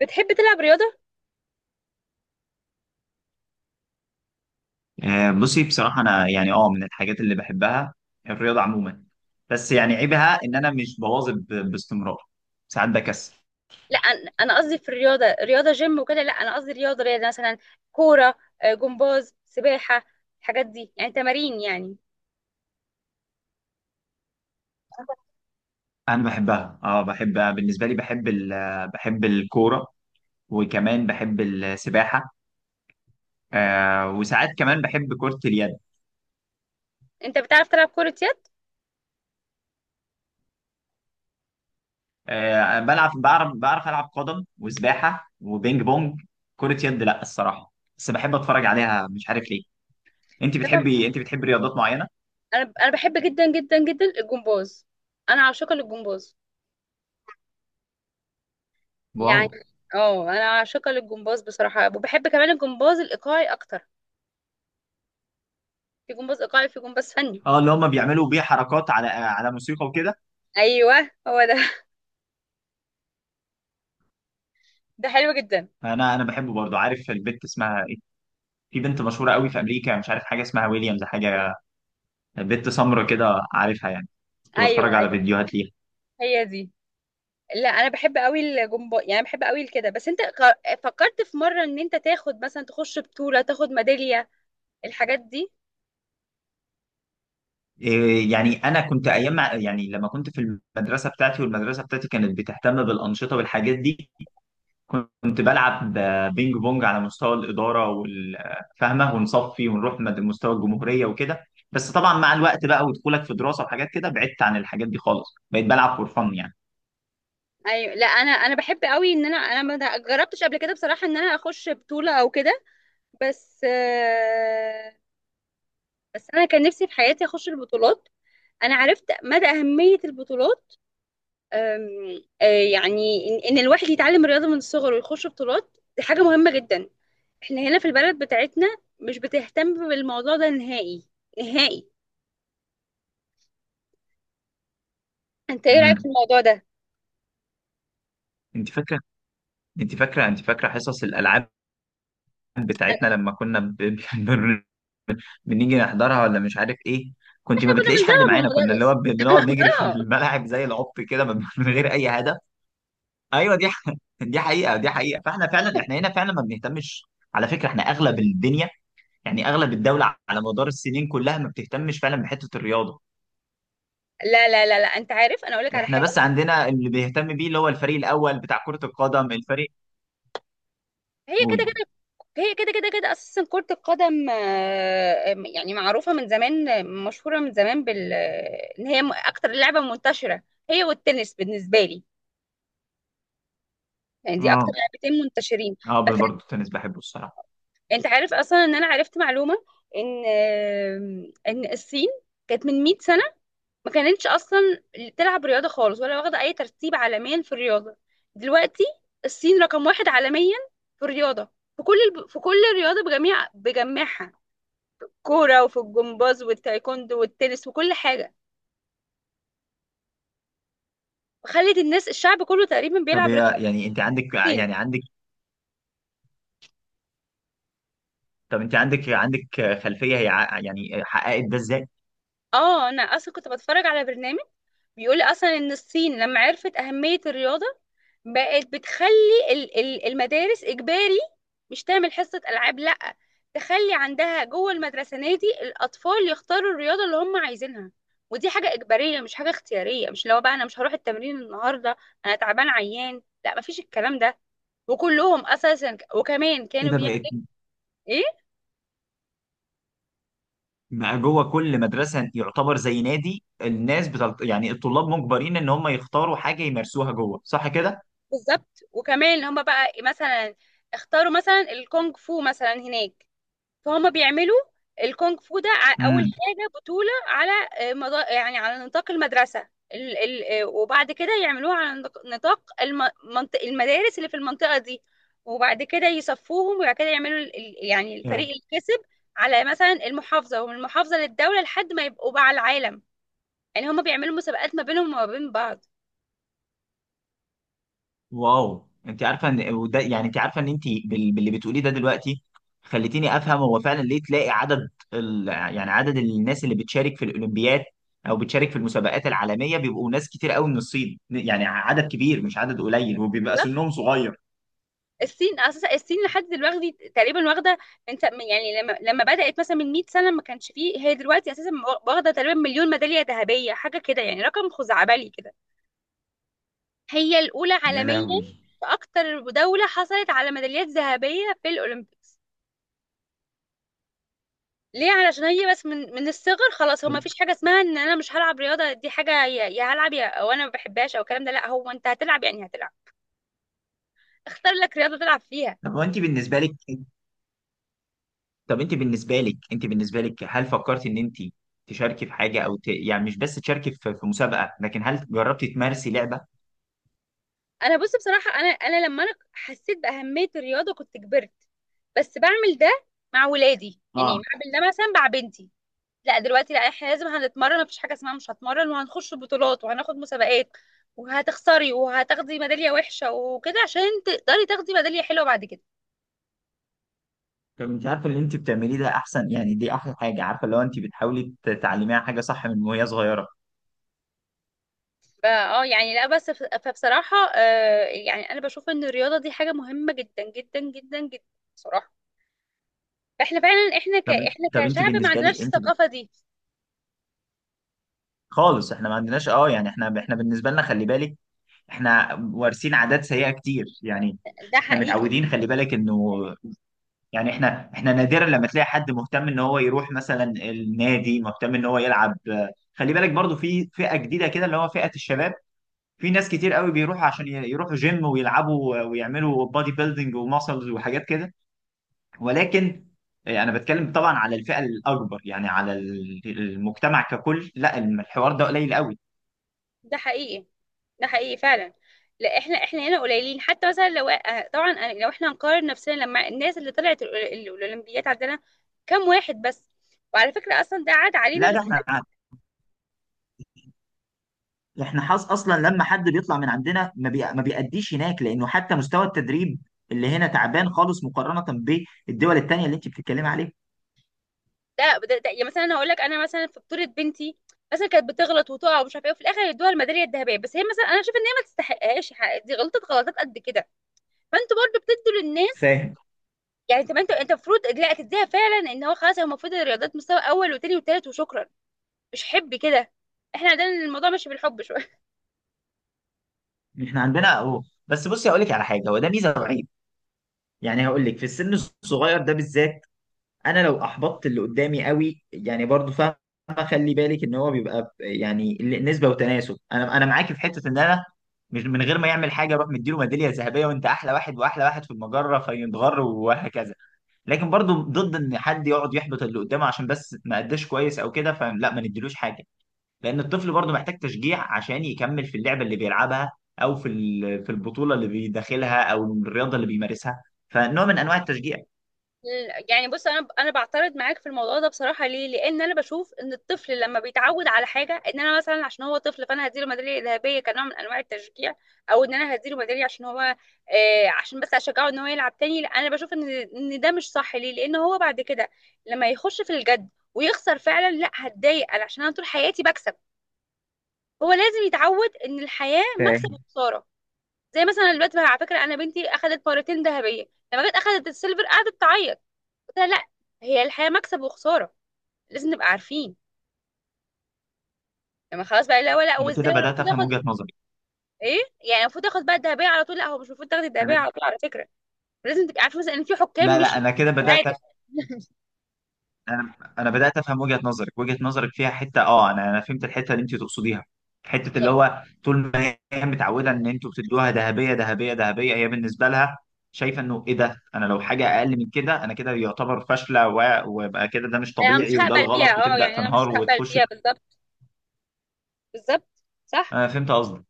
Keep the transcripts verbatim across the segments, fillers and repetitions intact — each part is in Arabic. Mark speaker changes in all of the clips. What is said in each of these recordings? Speaker 1: بتحب تلعب رياضة؟
Speaker 2: آه، بصي بصراحة أنا يعني أه من الحاجات اللي بحبها، الرياضة عموما. بس يعني عيبها إن أنا مش بواظب ب- باستمرار. ساعات بكسل.
Speaker 1: لا، أنا أنا قصدي في الرياضة رياضة جيم وكده. لا، أنا قصدي رياضة رياضة مثلا. كورة، آه، جمباز، سباحة. الحاجات دي يعني تمارين يعني.
Speaker 2: أنا بحبها. أه بحب، بالنسبة لي بحب ال... بحب الكورة، وكمان بحب السباحة. آه وساعات كمان بحب كرة اليد.
Speaker 1: أنت بتعرف تلعب كرة يد؟
Speaker 2: آه، بلعب، بعرف بعرف ألعب قدم وسباحة وبينج بونج. كرة يد لأ الصراحة. بس بحب أتفرج عليها، مش عارف ليه. أنت
Speaker 1: طبعاً.
Speaker 2: بتحبي أنت بتحبي رياضات معينة؟
Speaker 1: أنا أنا بحب جدا جدا جدا الجمباز. أنا عاشقة للجمباز
Speaker 2: واو.
Speaker 1: يعني. اه أنا عاشقة للجمباز بصراحة، وبحب كمان الجمباز الإيقاعي أكتر. في جمباز إيقاعي، في جمباز فني.
Speaker 2: اه، اللي هم بيعملوا بيه حركات على على موسيقى وكده.
Speaker 1: أيوه، هو ده. ده حلو جدا.
Speaker 2: انا انا بحبه برضه، عارف البت اسمها ايه؟ في بنت مشهوره قوي في امريكا، مش عارف، حاجه اسمها ويليامز حاجه. بنت سمرا كده، عارفها يعني. كنت
Speaker 1: أيوه
Speaker 2: بتفرج على
Speaker 1: أيوه،
Speaker 2: فيديوهات ليها.
Speaker 1: هي دي. لا، انا بحب قوي الجمباز، يعني بحب قوي كده، بس انت غ- فكرت في مره ان انت تاخد مثلا، تخش بطوله، تاخد ميداليه، الحاجات دي.
Speaker 2: إيه يعني، انا كنت ايام مع- يعني لما كنت في المدرسه بتاعتي، والمدرسه بتاعتي كانت بتهتم بالانشطه والحاجات دي. كنت بلعب بينج بونج على مستوى الإدارة والفهمة ونصفي، ونروح مد- مستوى الجمهورية وكده. بس طبعا مع الوقت بقى، ودخولك في دراسة وحاجات كده، بعدت عن الحاجات دي خالص، بقيت بلعب فور فن يعني.
Speaker 1: ايوه. لا، انا انا بحب قوي ان انا انا ما جربتش قبل كده بصراحه، ان انا اخش بطوله او كده. بس آه، بس انا كان نفسي في حياتي اخش البطولات. انا عرفت مدى اهميه البطولات. آم، آه، يعني ان إن الواحد يتعلم رياضه من الصغر ويخش بطولات، دي حاجه مهمه جدا. احنا هنا في البلد بتاعتنا مش بتهتم بالموضوع ده نهائي، نهائي. انت ايه رايك في
Speaker 2: امم
Speaker 1: الموضوع ده؟
Speaker 2: انت فاكرة، انت فاكرة انت فاكرة حصص الألعاب بتاعتنا لما كنا ب... ب- بن- بنيجي نحضرها، ولا مش عارف ايه؟ كنت
Speaker 1: احنا
Speaker 2: ما
Speaker 1: كنا
Speaker 2: بتلاقيش حد
Speaker 1: بنزوغ من
Speaker 2: معانا، كنا اللي هو
Speaker 1: المدرس،
Speaker 2: ب- بنقعد نجري في
Speaker 1: اه.
Speaker 2: الملاعب زي العبط كده، من من غير اي هدف. ايوه، دي ح- دي حقيقه، دي حقيقه. فاحنا فعلا احنا هنا فعلا ما بنهتمش. على فكره احنا اغلب الدنيا، يعني اغلب الدوله، على مدار السنين كلها ما بتهتمش فعلا بحته الرياضه.
Speaker 1: لا لا لا لا، انت عارف، انا اقول لك على
Speaker 2: احنا
Speaker 1: حاجه.
Speaker 2: بس عندنا اللي بيهتم بيه، اللي هو الفريق الاول بتاع كره القدم، الفريق.
Speaker 1: هي كده
Speaker 2: قولي.
Speaker 1: كده. هي كده كده كده اساسا. كره القدم آه، يعني معروفه من زمان، آه، مشهوره من زمان بال آه، ان هي م- اكتر لعبه منتشره. هي والتنس بالنسبه لي، يعني دي اكتر
Speaker 2: اه،
Speaker 1: لعبتين منتشرين.
Speaker 2: اه،
Speaker 1: بس
Speaker 2: برضه التنس بحبه الصراحه.
Speaker 1: انت عارف اصلا ان انا عرفت معلومه، ان آه، ان الصين كانت من مية سنه ما كانتش اصلا تلعب رياضه خالص، ولا واخده اي ترتيب عالميا في الرياضه. دلوقتي الصين رقم واحد عالميا في الرياضه، في كل الب... في كل الرياضه، بجميع بجميعها. كوره، وفي الجمباز والتايكوندو والتنس وكل حاجه. خلت الناس، الشعب كله تقريبا
Speaker 2: طب
Speaker 1: بيلعب
Speaker 2: هي
Speaker 1: رياضه
Speaker 2: يعني انت عندك
Speaker 1: كتير.
Speaker 2: يعني عندك طب انت عندك عندك خلفيه، هي ع- يعني حققت ده ازاي؟
Speaker 1: اه. انا اصلا كنت بتفرج على برنامج بيقول اصلا ان الصين لما عرفت اهمية الرياضة، بقت بتخلي ال- ال- المدارس اجباري. مش تعمل حصة العاب، لا. تخلي عندها جوه المدرسة نادي، الاطفال يختاروا الرياضة اللي هم عايزينها. ودي حاجة اجبارية، مش حاجة اختيارية. مش لو بقى انا مش هروح التمرين النهاردة، انا تعبان، عيان. لا، مفيش الكلام ده. وكلهم اساسا ك- وكمان
Speaker 2: ايه
Speaker 1: كانوا
Speaker 2: ده بقت
Speaker 1: بيعملوا ايه.
Speaker 2: بقى جوه كل مدرسه، يعتبر زي نادي. الناس بتلط... يعني الطلاب مجبرين ان هم يختاروا حاجه يمارسوها جوه، صح كده؟
Speaker 1: بالظبط. وكمان اللي هم بقى مثلا اختاروا مثلا الكونغ فو مثلا هناك، فهم بيعملوا الكونغ فو ده ع- اول
Speaker 2: امم،
Speaker 1: حاجه بطوله على، آه، مضا... يعني على نطاق المدرسه، ال... ال... آه، وبعد كده يعملوها على نط- نطاق الم... منط- المدارس اللي في المنطقه دي. وبعد كده يصفوهم، وبعد كده يعملوا ال... ال- يعني
Speaker 2: آه.
Speaker 1: الفريق اللي كسب على مثلا المحافظه، ومن المحافظه للدوله، لحد ما يبقوا بقى على العالم. يعني هم بيعملوا مسابقات ما بينهم وما بين بعض.
Speaker 2: واو، انت عارفه ان وده يعني انت عارفه ان انت بال... باللي بتقوليه ده دلوقتي، خليتيني افهم. هو فعلا ليه تلاقي عدد ال... يعني عدد الناس اللي بتشارك في الاولمبياد، او بتشارك في المسابقات العالميه، بيبقوا ناس كتير قوي من الصين، يعني عدد كبير مش عدد قليل، وبيبقى سنهم صغير.
Speaker 1: الصين اساسا، الصين لحد دلوقتي تقريبا واخده. انت يعني، لما لما بدات مثلا من مئة سنه ما كانش فيه، هي دلوقتي اساسا واخده تقريبا مليون ميداليه ذهبيه، حاجه كده، يعني رقم خزعبلي كده. هي الاولى
Speaker 2: يا
Speaker 1: عالميا
Speaker 2: لهوي.
Speaker 1: في اكتر دوله حصلت على ميداليات ذهبيه في الاولمبيكس. ليه؟ علشان هي بس من من الصغر، خلاص، هو ما فيش حاجه اسمها ان انا مش هلعب رياضه، دي حاجه. يا يا هلعب، يا او انا ما بحبهاش، او الكلام ده، لا. هو انت هتلعب، يعني هتلعب. اختار لك رياضه تلعب فيها.
Speaker 2: طب هو انت بالنسبه لك طب انت بالنسبه لك انت بالنسبه لك هل فكرت ان انت تشاركي في حاجه، او ت... يعني مش بس تشاركي في... في مسابقه، لكن هل جربتي تمارسي لعبه؟
Speaker 1: انا بص بصراحه، انا انا لما انا حسيت باهميه الرياضه كنت كبرت. بس بعمل ده مع ولادي، يعني
Speaker 2: اه.
Speaker 1: بعمل ده مثلا مع بنتي. لا، دلوقتي، لا، احنا لازم هنتمرن. مفيش حاجه اسمها مش هتمرن، وهنخش بطولات، وهناخد مسابقات، وهتخسري، وهتاخدي ميداليه وحشه وكده عشان تقدري تاخدي ميداليه حلوه بعد كده.
Speaker 2: طب انت عارفه اللي انت بتعمليه ده احسن، يعني دي احلى حاجه، عارفه، لو انت بتحاولي ت- تعلميها حاجه صح من وهي صغيره.
Speaker 1: فا اه يعني لا بس ف- فبصراحه، آه يعني انا بشوف ان الرياضه دي حاجه مهمه جدا جدا جدا جدا بصراحه. فاحنا فعلا احنا ك...
Speaker 2: طب،
Speaker 1: احنا
Speaker 2: طب انت
Speaker 1: كشعب ما
Speaker 2: بالنسبه
Speaker 1: عندناش
Speaker 2: لي، انت
Speaker 1: الثقافه دي.
Speaker 2: خالص احنا ما عندناش، اه يعني احنا احنا بالنسبه لنا خلي بالك، احنا وارثين عادات سيئه كتير يعني.
Speaker 1: ده
Speaker 2: احنا
Speaker 1: حقيقي.
Speaker 2: متعودين، خلي بالك انه يعني احنا احنا نادرا لما تلاقي حد مهتم ان هو يروح مثلا النادي، مهتم ان هو يلعب. خلي بالك برضو في فئة جديدة كده، اللي هو فئة الشباب. في ناس كتير قوي بيروحوا عشان ي- يروحوا جيم ويلعبوا ويعملوا بادي بيلدينج وماسلز وحاجات كده. ولكن آه، انا بتكلم طبعا على الفئة الاكبر، يعني على ال- المجتمع ككل، لا الم- الحوار ده قليل قوي.
Speaker 1: ده حقيقي. ده حقيقي فعلا. لا، احنا احنا هنا قليلين. حتى مثلا لو آه، طبعا، أنا- لو احنا هنقارن نفسنا لما الناس اللي طلعت الأول- الاولمبيات عندنا كام واحد بس. وعلى فكره اصلا ده عاد علينا
Speaker 2: لا،
Speaker 1: بس.
Speaker 2: ده احنا، احنا حظ اصلا لما حد بيطلع من عندنا، ما بي... ما بيأديش هناك، لانه حتى مستوى التدريب اللي هنا تعبان خالص، مقارنة بالدول التانية اللي انت بتتكلمي عليها.
Speaker 1: ده, ده, ده يعني مثلا انا هقول لك، انا مثلا في بطوله بنتي مثلا كانت بتغلط وتقع ومش عارفه ايه، وفي الاخر يدوها الميداليه الذهبيه. بس هي مثلا انا شايفه ان هي ما تستحقهاش، حق- دي غلطت غلطات قد كده، فانتوا برضو بتدوا للناس.
Speaker 2: فاهم.
Speaker 1: يعني طب انت انت المفروض لا تديها فعلا، ان هو خلاص، هو المفروض الرياضات مستوى اول وتاني وتالت وشكرا، مش حب كده. احنا عندنا الموضوع ماشي بالحب شويه.
Speaker 2: احنا عندنا اهو، بس بصي هقول لك على حاجة، هو ده ميزة وعيب. يعني هقول لك في السن الصغير ده بالذات، انا لو احبطت اللي قدامي قوي يعني، برضو فاهم. خلي بالك ان هو بيبقى ب- يعني ال- نسبة وتناسب، انا انا معاكي في حتة ان انا مش من غير ما يعمل حاجة اروح مديله ميدالية ذهبية، وانت احلى واحد واحلى واحد في المجرة، فينضغر وهكذا. لكن برضو ضد ان حد يقعد يحبط اللي قدامه، عشان بس ما قداش كويس او كده، فلا ما نديلوش حاجه. لان الطفل برضو محتاج تشجيع عشان يكمل في اللعبه اللي بيلعبها، او في ال- في البطوله اللي بيداخلها، او الرياضه اللي بيمارسها. فنوع من انواع التشجيع.
Speaker 1: يعني بص، انا انا بعترض معاك في الموضوع ده بصراحه. ليه؟ لان انا بشوف ان الطفل لما بيتعود على حاجه، ان انا مثلا عشان هو طفل فانا هديله ميداليه ذهبيه كنوع من انواع التشجيع، او ان انا هديله ميداليه عشان هو آه عشان بس اشجعه ان هو يلعب تاني، لا، انا بشوف ان ان ده مش صح. ليه؟ لان هو بعد كده لما يخش في الجد ويخسر فعلا، لا، هتضايق انا عشان انا طول حياتي بكسب. هو لازم يتعود ان الحياه مكسب
Speaker 2: فاهم.
Speaker 1: وخساره. زي مثلا دلوقتي بقى، على فكره، انا بنتي اخذت مرتين ذهبيه، لما جت اخذت السيلفر قعدت تعيط. قلت لها لا، هي الحياه مكسب وخساره، لازم نبقى عارفين. لما خلاص بقى، لا، ولا
Speaker 2: انا كده
Speaker 1: وازاي
Speaker 2: بدات
Speaker 1: المفروض
Speaker 2: افهم وجهه
Speaker 1: اخد
Speaker 2: نظري
Speaker 1: ايه. يعني المفروض اخد بقى الذهبيه على طول؟ لا، هو مش المفروض تاخدي الذهبيه
Speaker 2: انا.
Speaker 1: على طول على فكره. لازم تبقى عارفه مثلا ان في حكام
Speaker 2: لا،
Speaker 1: مش
Speaker 2: لا، انا
Speaker 1: مش
Speaker 2: كده بدات،
Speaker 1: عادل.
Speaker 2: انا انا بدات افهم وجهه نظرك وجهه نظرك فيها حته، اه انا انا فهمت الحته اللي انت تقصديها. حته اللي
Speaker 1: يعني
Speaker 2: هو طول ما هي متعوده ان انتوا بتدوها ذهبيه ذهبيه ذهبيه، هي بالنسبه لها شايفه انه ايه ده؟ انا لو حاجه اقل من كده، انا كده يعتبر فاشله و- ويبقى كده، ده مش
Speaker 1: انا مش
Speaker 2: طبيعي، وده
Speaker 1: هقبل بيها،
Speaker 2: الغلط،
Speaker 1: اه.
Speaker 2: وتبدا
Speaker 1: يعني انا مش
Speaker 2: تنهار
Speaker 1: هقبل
Speaker 2: وتخش.
Speaker 1: بيها، بالظبط بالظبط، صح.
Speaker 2: انا فهمت قصدك.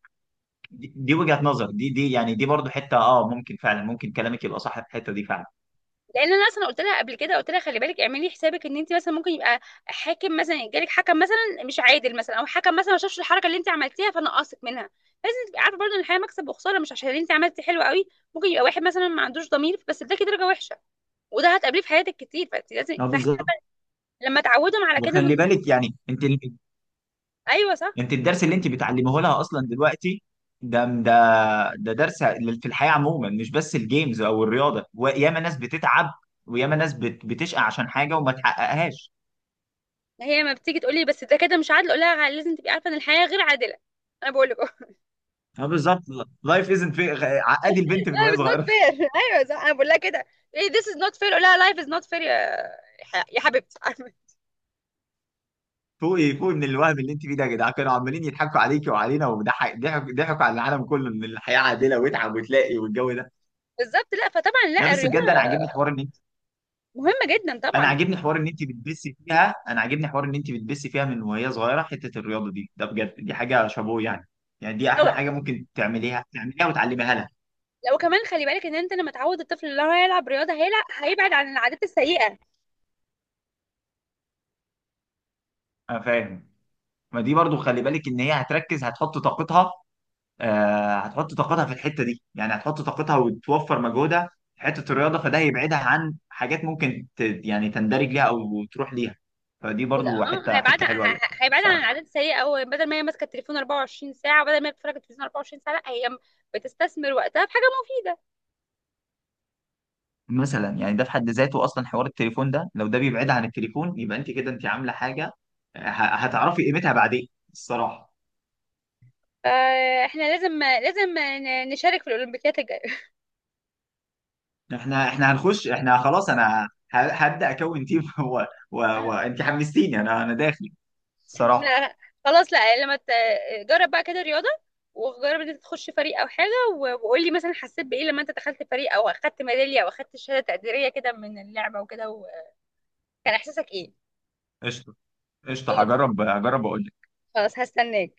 Speaker 2: دي دي وجهه نظر، دي دي يعني، دي برضو حته، اه ممكن فعلا، ممكن كلامك يبقى صح في الحته دي فعلا.
Speaker 1: لان انا اصلا قلت لها قبل كده، قلت لها خلي بالك، اعملي حسابك ان انت مثلا ممكن يبقى حاكم مثلا، يجيلك حكم مثلا مش عادل، مثلا او حكم مثلا ما شافش الحركه اللي انت عملتيها فنقصك منها. لازم تبقي عارفه برضه ان الحياه مكسب وخساره. مش عشان انت عملتي حلو قوي ممكن يبقى واحد مثلا ما عندوش ضمير بس اداكي درجه وحشه، وده هتقابليه في حياتك كتير. فانت لازم،
Speaker 2: اه
Speaker 1: فاحنا
Speaker 2: بالظبط.
Speaker 1: لما تعودهم على كده من.
Speaker 2: وخلي بالك يعني انت،
Speaker 1: ايوه صح.
Speaker 2: انت الدرس اللي انت بتعلمه لها اصلا دلوقتي، ده، ده درس في الحياه عموما، مش بس الجيمز او الرياضه. وياما ناس بتتعب، وياما ناس بت- بتشقى عشان حاجه وما تحققهاش.
Speaker 1: هي لما بتيجي تقولي بس ده كده مش عادل، اقول لها لازم تبقي عارفه ان الحياه غير عادله. انا بقول لك
Speaker 2: اه بالظبط. لايف ازنت في عقدي البنت من
Speaker 1: life
Speaker 2: وهي
Speaker 1: is not
Speaker 2: صغيره.
Speaker 1: fair. ايوه صح، انا بقول لها كده. ايه this is not fair؟ اقول لها life is not fair يا ح- يا حبيبتي.
Speaker 2: فوقي فوقي من الوهم اللي انت فيه ده يا جدعان، كانوا عمالين يضحكوا عليكي وعلينا، وضحك ضحكوا ضحكوا على العالم كله ان الحياه عادله، واتعب وتلاقي، والجو ده.
Speaker 1: بالظبط. لا، فطبعا،
Speaker 2: لا،
Speaker 1: لا،
Speaker 2: بس
Speaker 1: الرياضه
Speaker 2: بجد انا عاجبني حوار ان انت،
Speaker 1: مهمه جدا
Speaker 2: انا
Speaker 1: طبعا.
Speaker 2: عاجبني حوار ان انت بتبسي فيها، انا عاجبني حوار ان انت بتبسي فيها من وهي صغيره حته الرياضه دي، ده بجد دي حاجه شابوه يعني. يعني دي
Speaker 1: لو
Speaker 2: احلى حاجه ممكن تعمليها، تعمليها وتعلميها لها.
Speaker 1: لو كمان خلي بالك ان انت لما تعود الطفل ان هو يلعب رياضه، هيلعب، هيبعد عن العادات السيئه.
Speaker 2: انا فاهم. ما دي برضو خلي بالك ان هي هتركز، هتحط طاقتها، آه هتحط طاقتها في الحته دي، يعني هتحط طاقتها وتوفر مجهودها في حته الرياضه، فده هيبعدها عن حاجات ممكن ت... يعني تندرج ليها او تروح ليها. فدي برضو
Speaker 1: اه،
Speaker 2: حته
Speaker 1: هيبعد ه-
Speaker 2: حته حلوه قوي.
Speaker 1: ه- هيبعد عن
Speaker 2: بصراحه،
Speaker 1: العادات السيئه. او بدل ما هي ماسكه التليفون أربعة وعشرين ساعه، وبدل ما هي بتتفرج على التلفزيون أربعة وعشرين ساعه، لا، هي بتستثمر وقتها في حاجه مفيده.
Speaker 2: مثلا يعني ده في حد ذاته اصلا حوار التليفون ده، لو ده بيبعدها عن التليفون، يبقى انت كده انت عامله حاجه. آه، ه... هتعرفي قيمتها بعدين، الصراحه.
Speaker 1: فاحنا لازم لازم ن- نشارك في الاولمبيات الجايه.
Speaker 2: احنا احنا هنخش، احنا خلاص، انا ه- هبدا اكون تيم و... و... وانت حمستيني، انا انا داخل الصراحه.
Speaker 1: لا، خلاص. لا، لما ت- جرب بقى كده رياضة. وجرب ان انت تخش فريق او حاجة، و- وقول لي مثلا حسيت بايه لما انت دخلت فريق، او اخدت ميدالية، او اخدت شهادة تقديرية كده من اللعبة وكده، وكان احساسك ايه.
Speaker 2: قشطه، قشطه،
Speaker 1: خلاص.
Speaker 2: هجرب، هجرب اقول لك.
Speaker 1: خلاص هستناك.